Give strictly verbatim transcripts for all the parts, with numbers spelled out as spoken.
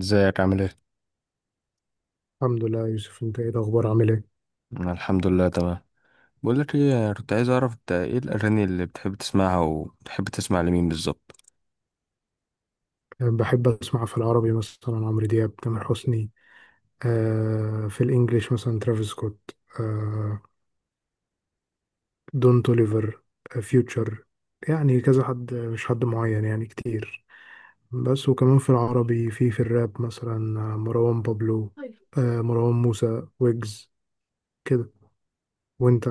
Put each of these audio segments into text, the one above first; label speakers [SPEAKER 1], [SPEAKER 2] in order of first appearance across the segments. [SPEAKER 1] ازيك عامل ايه؟
[SPEAKER 2] الحمد لله يا يوسف، انت ايه الاخبار؟ عامل ايه؟
[SPEAKER 1] أنا الحمد لله تمام. بقول لك ايه، أنا كنت عايز اعرف انت ايه الاغاني اللي بتحب تسمعها وبتحب تسمع لمين بالظبط؟
[SPEAKER 2] أه، بحب اسمع في العربي مثلا عمرو دياب، تامر حسني. آه في الانجليش مثلا ترافيس سكوت، آه دون توليفر، آه فيوتشر. يعني كذا حد، مش حد معين، يعني كتير. بس وكمان في العربي في في الراب مثلا، آه، مروان بابلو،
[SPEAKER 1] طيب.
[SPEAKER 2] آه مروان موسى، ويجز كده. وانت؟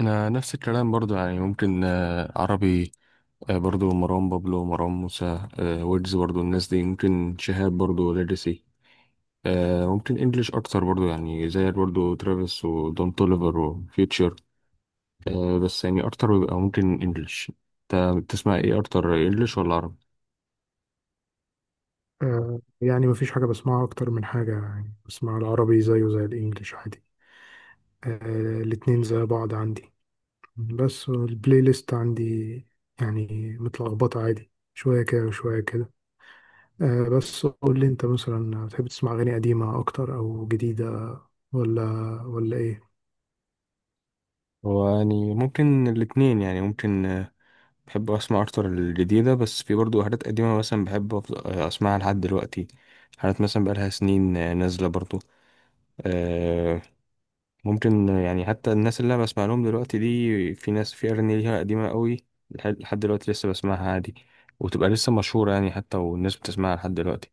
[SPEAKER 1] انا نفس الكلام برضو، يعني ممكن آه، عربي. آه، برضو مروان بابلو، مروان موسى، آه، ويجز برضو، الناس دي ممكن شهاب برضو، ليجاسي. آه، ممكن انجليش اكتر برضو، يعني زي برضو ترافيس ودون توليفر وفيوتشر. آه، بس يعني اكتر بيبقى ممكن انجليش. انت بتسمع ايه اكتر، انجليش ولا عربي؟
[SPEAKER 2] آه يعني مفيش حاجة بسمعها اكتر من حاجة، يعني بسمع العربي زيه زي الانجليش عادي. آه الاتنين زي بعض عندي، بس البلاي ليست عندي يعني متلخبطة، عادي شوية كده وشوية كده. آه بس قول لي انت مثلا، بتحب تسمع أغاني قديمة أكتر أو جديدة، ولا ولا ايه؟
[SPEAKER 1] هو يعني ممكن الاتنين، يعني ممكن. بحب اسمع اكتر الجديده، بس في برضو حاجات قديمه مثلا بحب أفض- اسمعها لحد دلوقتي. حاجات مثلا بقالها سنين آه، نازله برضو. آه، ممكن آه، يعني حتى الناس اللي انا بسمع لهم دلوقتي دي، في ناس في اغاني ليها قديمه قوي لح- لحد دلوقتي لسه بسمعها عادي، وتبقى لسه مشهوره يعني، حتى والناس بتسمعها لحد دلوقتي.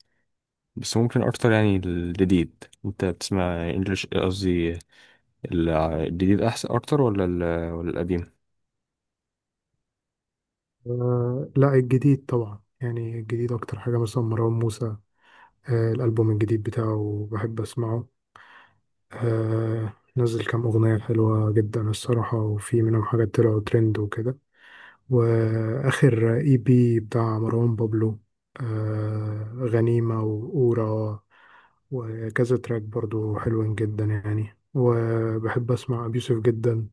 [SPEAKER 1] بس ممكن اكتر يعني الجديد، انت بتسمع انجلش قصدي، ال- الجديد احسن اكتر ولا ال- ولا القديم؟
[SPEAKER 2] آه لا، الجديد طبعا. يعني الجديد أكتر حاجة مثلا مروان موسى، آه الألبوم الجديد بتاعه بحب أسمعه. آه نزل كام أغنية حلوة جدا الصراحة، وفي منهم حاجات طلعوا ترند وكده. واخر اي بي بتاع مروان بابلو، آه غنيمة وأورا، وكذا تراك برضو حلوين جدا يعني. وبحب اسمع ابي يوسف جدا،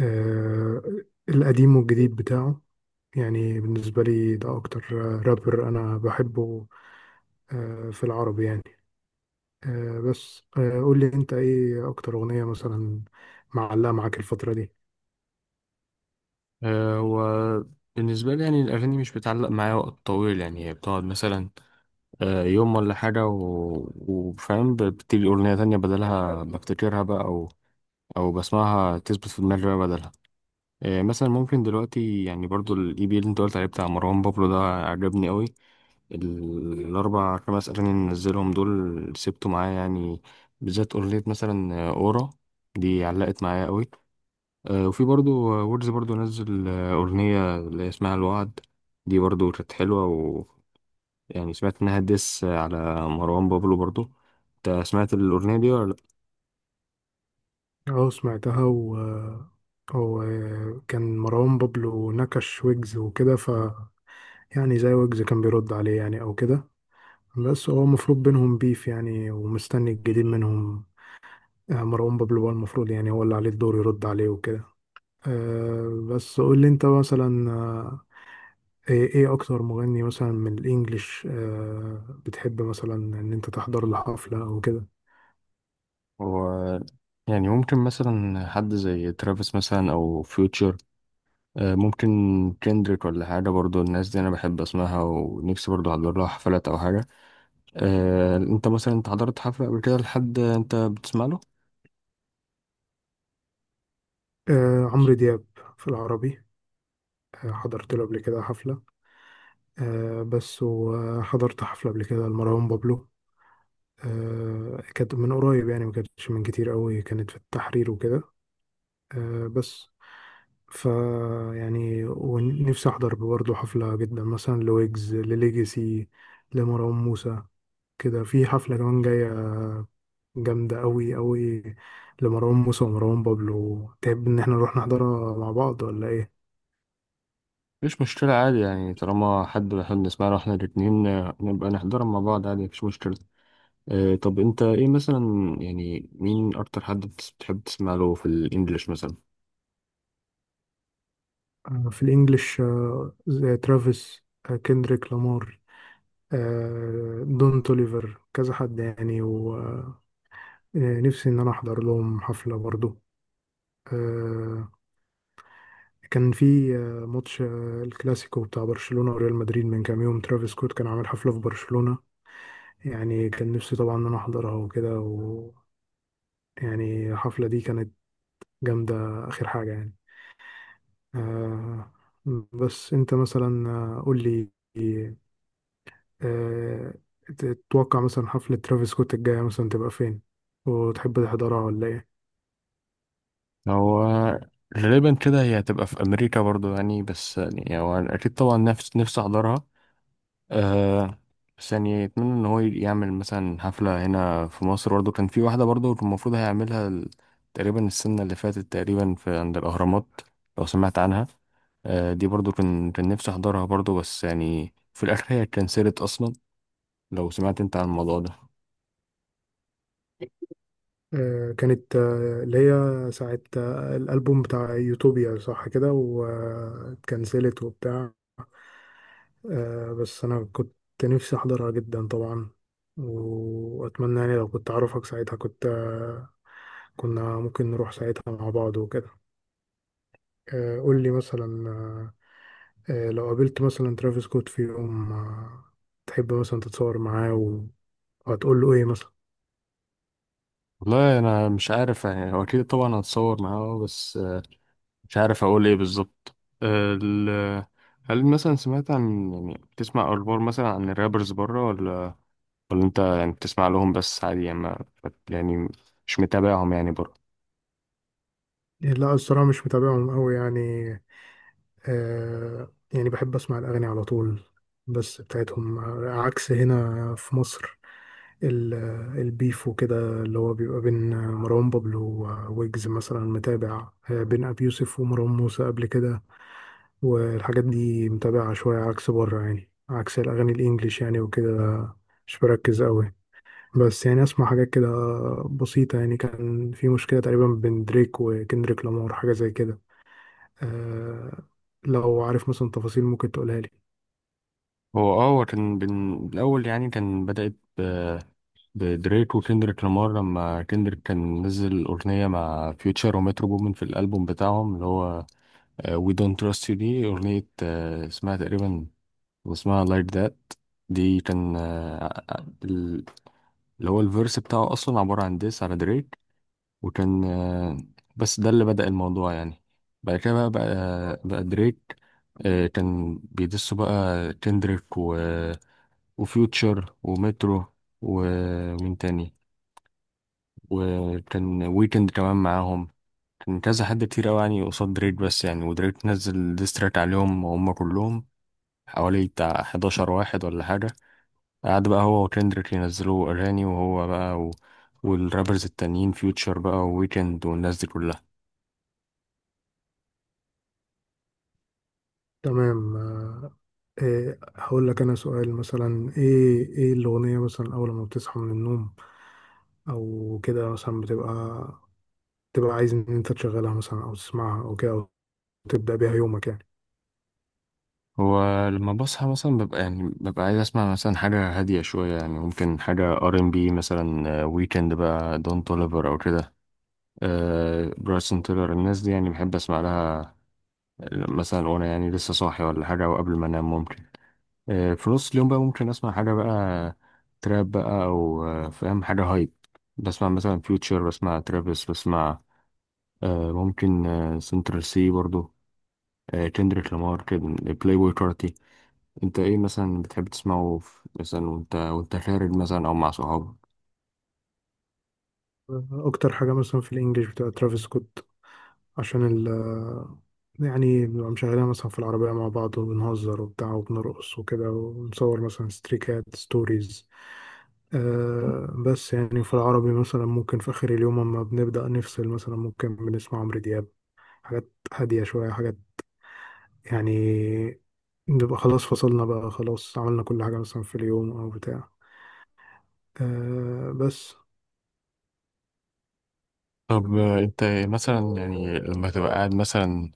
[SPEAKER 2] آه القديم والجديد بتاعه. يعني بالنسبة لي ده اكتر رابر انا بحبه، آه في العربي يعني. آه بس آه قول لي انت ايه اكتر اغنية مثلا معلقة معاك الفترة دي؟
[SPEAKER 1] آه، هو بالنسبة لي يعني الأغاني مش بتعلق معايا وقت طويل، يعني هي بتقعد مثلا آه، يوم ولا حاجة و- وفاهم، ب- بتيجي أغنية تانية بدلها بفتكرها بقى، أو أو بسمعها تثبت في دماغي بقى بدلها. آه، مثلا ممكن دلوقتي يعني برضو الإي بي اللي أنت قلت عليه بتاع مروان بابلو ده عجبني أوي. ال- الأربع خمس أغاني اللي نزلهم دول سبته معايا يعني، بالذات أغنية مثلا آه، أورا، دي علقت معايا أوي. آه، وفي برضو ويجز برضو نزل آه، أغنية اللي هي اسمها الوعد، دي برضو كانت حلوة. ويعني سمعت إنها ديس على مروان بابلو برضو. أنت سمعت الأغنية دي ولا لأ؟
[SPEAKER 2] اه، سمعتها. و هو كان مروان بابلو نكش ويجز وكده. ف يعني زي ويجز كان بيرد عليه يعني او كده. بس هو المفروض بينهم بيف يعني، ومستني الجديد منهم. آه، مروان بابلو هو المفروض، يعني هو اللي عليه الدور يرد عليه وكده. آه، بس قول لي انت مثلا، آه، ايه إيه اكتر مغني مثلا من الانجليش آه، بتحب مثلا ان انت تحضر له حفلة او كده؟
[SPEAKER 1] هو يعني ممكن مثلا حد زي ترافيس مثلا أو فيوتشر، ممكن كندريك ولا حاجة، برضو الناس دي أنا بحب أسمعها ونفسي برضو أحضر لها حفلات أو حاجة. آه، أنت مثلا أنت حضرت حفلة قبل كده لحد أنت بتسمع له؟
[SPEAKER 2] آه، عمرو دياب في العربي، آه، حضرت له قبل كده حفلة. آه بس وحضرت حفلة قبل كده لمروان بابلو، آه كانت من قريب يعني، ما كانتش من كتير قوي، كانت في التحرير وكده. آه بس ف يعني ونفسي أحضر برضه حفلة جدا مثلا لويجز، لليجاسي، لمروان موسى كده. في حفلة كمان جاية جامدة قوي قوي لمروان موسى ومروان بابلو، تحب إن احنا نروح نحضرها مع بعض ولا إيه؟
[SPEAKER 1] مفيش مشكلة عادي، يعني طالما حد بيحب نسمعها واحنا الاتنين آه، نبقى نحضرها مع بعض عادي، مفيش مشكلة. آه، طب انت ايه مثلا، يعني مين اكتر حد بتس- بتحب تسمع له في الانجليش مثلا؟
[SPEAKER 2] آه في الإنجليش آه زي ترافيس، آه كندريك لامار، آه، دون توليفر، كذا حد يعني. ونفسي ان انا احضر لهم حفلة برضو. آه، كان في آه، ماتش آه، الكلاسيكو بتاع برشلونة وريال مدريد من كام يوم، ترافيس سكوت كان عامل حفلة في برشلونة. يعني كان نفسي طبعا ان انا احضرها وكده. و يعني الحفلة دي كانت جامدة، اخر حاجة يعني. آه، بس انت مثلا آه، قول لي، آه، تتوقع مثلا حفلة ترافيس سكوت الجاية مثلا تبقى فين، وتحب تحضرها ولا ايه؟
[SPEAKER 1] هو غالبا كده هي هتبقى في امريكا برضو يعني، بس يعني هو اكيد طبعا نفس نفسي احضرها. آه. بس يعني يتمنى ان هو يعمل مثلا حفلة هنا في مصر برضه، كان في واحدة برضه المفروض هيعملها ال- تقريبا السنة اللي فاتت تقريبا في عند الأهرامات، لو سمعت عنها. آه، دي برضه كان كان نفسي أحضرها برضه، بس يعني في الآخر هي اتكنسلت أصلا، لو سمعت أنت عن الموضوع ده.
[SPEAKER 2] آه، كانت آه، اللي هي ساعة آه، الألبوم بتاع يوتوبيا، صح كده؟ واتكنسلت وبتاع. آه، بس أنا كنت نفسي أحضرها جدا طبعا، وأتمنى يعني لو كنت أعرفك ساعتها كنت، آه، كنا ممكن نروح ساعتها مع بعض وكده. آه، قول لي مثلا، آه، آه، لو قابلت مثلا ترافيس سكوت في يوم، آه، تحب مثلا تتصور معاه و- وهتقول له إيه مثلا؟
[SPEAKER 1] والله أنا مش عارف، يعني هو أكيد طبعا هتصور معاه بس آه، مش عارف أقول إيه بالظبط. آه، ال- هل مثلا سمعت عن، يعني بتسمع أخبار مثلا عن الرابرز بره، ولا ولا انت يعني بتسمع لهم بس عادي يعني، ما يعني مش متابعهم يعني برضه؟
[SPEAKER 2] لا، الصراحة مش متابعهم أوي يعني. آه يعني بحب أسمع الأغاني على طول بس بتاعتهم. عكس هنا في مصر، ال- البيف وكده اللي هو بيبقى بين مروان بابلو وويجز مثلا، متابع، آه، بين أبي يوسف ومروان موسى قبل كده. والحاجات دي متابعة شوية، عكس بره يعني، عكس الأغاني الإنجليش يعني وكده، مش بركز أوي. بس يعني أسمع حاجات كده بسيطة. يعني كان في مشكلة تقريبا بين دريك وكندريك لامار، حاجة زي كده. آه لو عارف مثلا تفاصيل ممكن تقولها لي.
[SPEAKER 1] هو اه هو كان بن... الأول يعني كان بدأت ب... بدريك وكندريك لامار، لما كندريك كان نزل أغنية مع فيوتشر ومترو بومن في الألبوم بتاعهم اللي هو آه، We Don't Trust You، دي أغنية آه، اسمها تقريبا، اسمها Like That. دي كان آه، ال- اللي هو الفيرس بتاعه أصلا عبارة عن ديس على دريك، وكان آه، بس ده اللي بدأ الموضوع يعني. بعد كده بقى بقى, بقى دريك آه، كان بيدسوا بقى كندريك و... وفيوتشر ومترو ومين تاني، وكان ويكند كمان معاهم. كان كذا حد كتير قوي يعني قصاد دريك، بس يعني ودريك نزل ديستراك عليهم هم كلهم، حوالي بتاع حداشر واحد ولا حاجة. قعد بقى هو وكندريك ينزلوا أغاني، وهو بقى و... والرابرز التانيين، فيوتشر بقى وويكند والناس دي كلها.
[SPEAKER 2] تمام. آه إيه، هقول لك انا سؤال مثلا: ايه ايه الاغنيه مثلا اول ما بتصحى من النوم او كده مثلا، بتبقى تبقى عايز ان انت تشغلها مثلا او تسمعها او كده، او تبدا بيها يومك يعني؟
[SPEAKER 1] هو لما بصحى مثلا ببقى يعني ببقى عايز اسمع مثلا حاجة هادية شوية، يعني ممكن حاجة ار ام بي مثلا، ويكند بقى، دون توليفر او كده. آه برايسون تيلر، الناس دي يعني بحب اسمع لها آه، مثلا وانا يعني لسه صاحي ولا حاجة او قبل ما انام ممكن. آه في نص اليوم بقى ممكن اسمع حاجة بقى تراب بقى، او آه، فاهم، حاجة هايب، بسمع مثلا فيوتشر، بسمع ترافيس، بسمع آه ممكن آه سنترال سي برضو، آه كندريك لامار كده، بلاي بوي. انت ايه مثلا بتحب تسمعه في- مثلا وانت وانت خارج مثلا او مع صحابك؟
[SPEAKER 2] اكتر حاجه مثلا في الانجليش بتبقى ترافيس سكوت، عشان ال يعني بنبقى مشغلينها مثلا في العربية مع بعض، وبنهزر وبتاع وبنرقص وكده، ونصور مثلا ستريكات ستوريز. آه بس يعني في العربي مثلا ممكن في آخر اليوم، أما بنبدأ نفصل مثلا، ممكن بنسمع عمرو دياب، حاجات هادية شوية، حاجات يعني بنبقى خلاص فصلنا بقى، خلاص عملنا كل حاجة مثلا في اليوم أو بتاع. آه بس
[SPEAKER 1] طب آه، انت مثلا يعني لما تبقى قاعد مثلا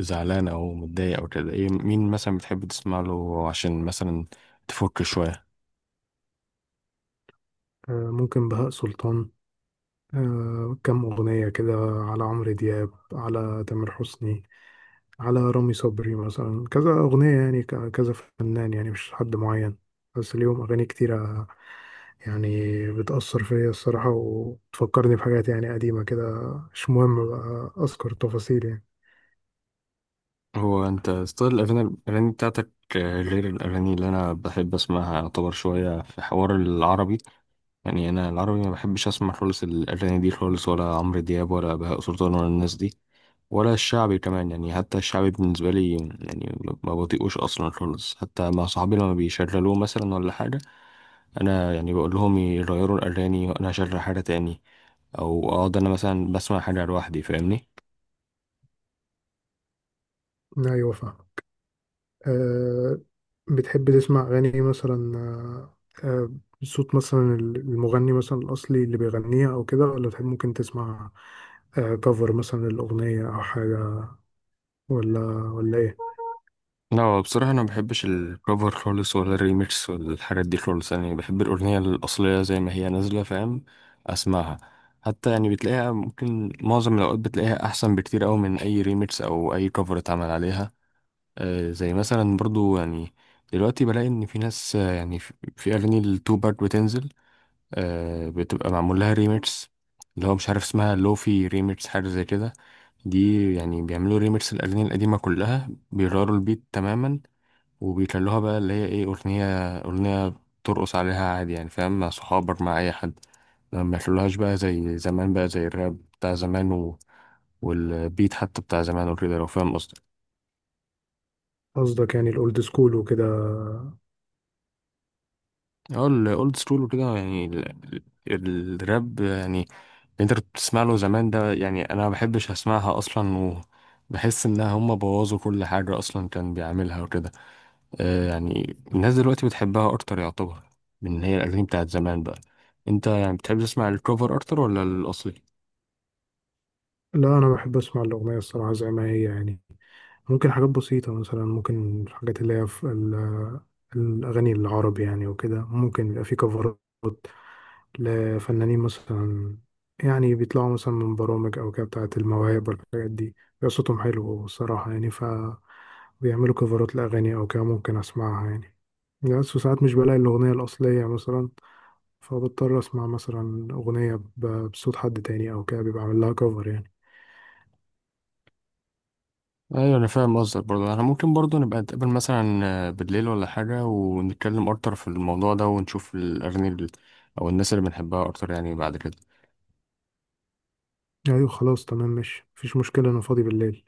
[SPEAKER 1] زعلان او متضايق او كده، ايه، مين مثلا بتحب تسمع له عشان مثلا تفك شوية؟
[SPEAKER 2] آه ممكن بهاء سلطان، آه كم أغنية كده، على عمرو دياب، على تامر حسني، على رامي صبري مثلا، كذا أغنية يعني، ك- كذا فنان يعني، مش حد معين، بس ليهم أغاني كتيرة يعني بتأثر فيا الصراحة، وتفكرني بحاجات يعني قديمة كده، مش مهم بقى أذكر تفاصيل يعني.
[SPEAKER 1] هو انت ستايل الاغاني، الاغاني بتاعتك آه، غير الاغاني اللي انا بحب اسمعها، يعتبر شويه في حوار العربي. يعني انا العربي ما بحبش اسمع خالص الاغاني دي خالص، ولا عمرو دياب، ولا بهاء سلطان، ولا الناس دي، ولا الشعبي كمان. يعني حتى الشعبي بالنسبة لي، يعني ما ما بطيقوش أصلا خالص، حتى مع صحابي لما بيشغلوه مثلا ولا حاجة، أنا يعني بقول لهم يغيروا الأغاني وأنا أشغل حاجة تاني، أو أقعد أنا مثلا بسمع حاجة لوحدي. فاهمني؟
[SPEAKER 2] أيوة فاهم. أه بتحب تسمع أغاني مثلا أه آه، بصوت مثلا المغني مثلا الأصلي اللي بيغنيها أو كده، ولا تحب ممكن تسمع كفر مثلا الأغنية أو حاجة، ولا ولا إيه؟
[SPEAKER 1] لا بصراحة أنا مبحبش الكفر خالص، ولا الريميكس ولا الحاجات دي خالص، يعني بحب الأغنية الأصلية زي ما هي نازلة، فاهم، أسمعها. حتى يعني بتلاقيها ممكن معظم الأوقات بتلاقيها أحسن بكتير أوي من أي ريميكس أو أي كفر اتعمل عليها. آه، زي مثلا برضو يعني دلوقتي بلاقي ان في ناس آه، يعني في في اغاني التو باك بتنزل آه، بتبقى معمول لها ريميكس، اللي هو مش عارف اسمها لوفي ريميكس حاجه زي كده. دي يعني بيعملوا ريميكس الاغاني القديمه كلها، بيغيروا البيت تماما وبيخلوها بقى اللي هي ايه، اغنيه اغنيه ترقص عليها عادي يعني، فاهم، مع صحابك مع اي حد، ما يخلوهاش بقى زي زمان بقى، زي الراب بتاع زمان و... والبيت حتى بتاع زمان وكده، لو فاهم قصدي.
[SPEAKER 2] قصدك يعني الاولد سكول وكده.
[SPEAKER 1] اه الاولد سكول وكده، يعني ال- ال- الراب يعني اللي انت كنت بتسمع له زمان ده، يعني انا ما بحبش اسمعها اصلا، وبحس انها هم بوظوا كل حاجه اصلا كان بيعملها وكده. آه يعني الناس دلوقتي بتحبها اكتر يعتبر من إن هي الاغاني بتاعت زمان بقى. انت يعني بتحب تسمع الكوفر اكتر ولا الاصلي؟
[SPEAKER 2] لا، انا بحب اسمع الاغنيه الصراحه زي ما هي يعني. ممكن حاجات بسيطه مثلا، ممكن الحاجات اللي هي في ال- الاغاني العربي يعني وكده، ممكن يبقى في كفرات لفنانين مثلا، يعني بيطلعوا مثلا من برامج او كده بتاعه المواهب والحاجات دي، بيبقى صوتهم حلو الصراحه يعني، فبيعملوا كفرات لاغاني او كده ممكن اسمعها يعني. بس ساعات مش بلاقي الاغنيه الاصليه مثلا، فبضطر اسمع مثلا اغنيه ب- بصوت حد تاني او كده، بيبقى عامل لها كفر يعني.
[SPEAKER 1] ايوه انا فاهم قصدك برضه، انا ممكن برضه نبقى نتقابل مثلا آه، بالليل ولا حاجه ونتكلم اكتر في الموضوع ده، ونشوف الاغاني ال- او الناس اللي بنحبها اكتر يعني بعد كده.
[SPEAKER 2] ايوه خلاص تمام، مش مفيش مشكله، انا فاضي بالليل.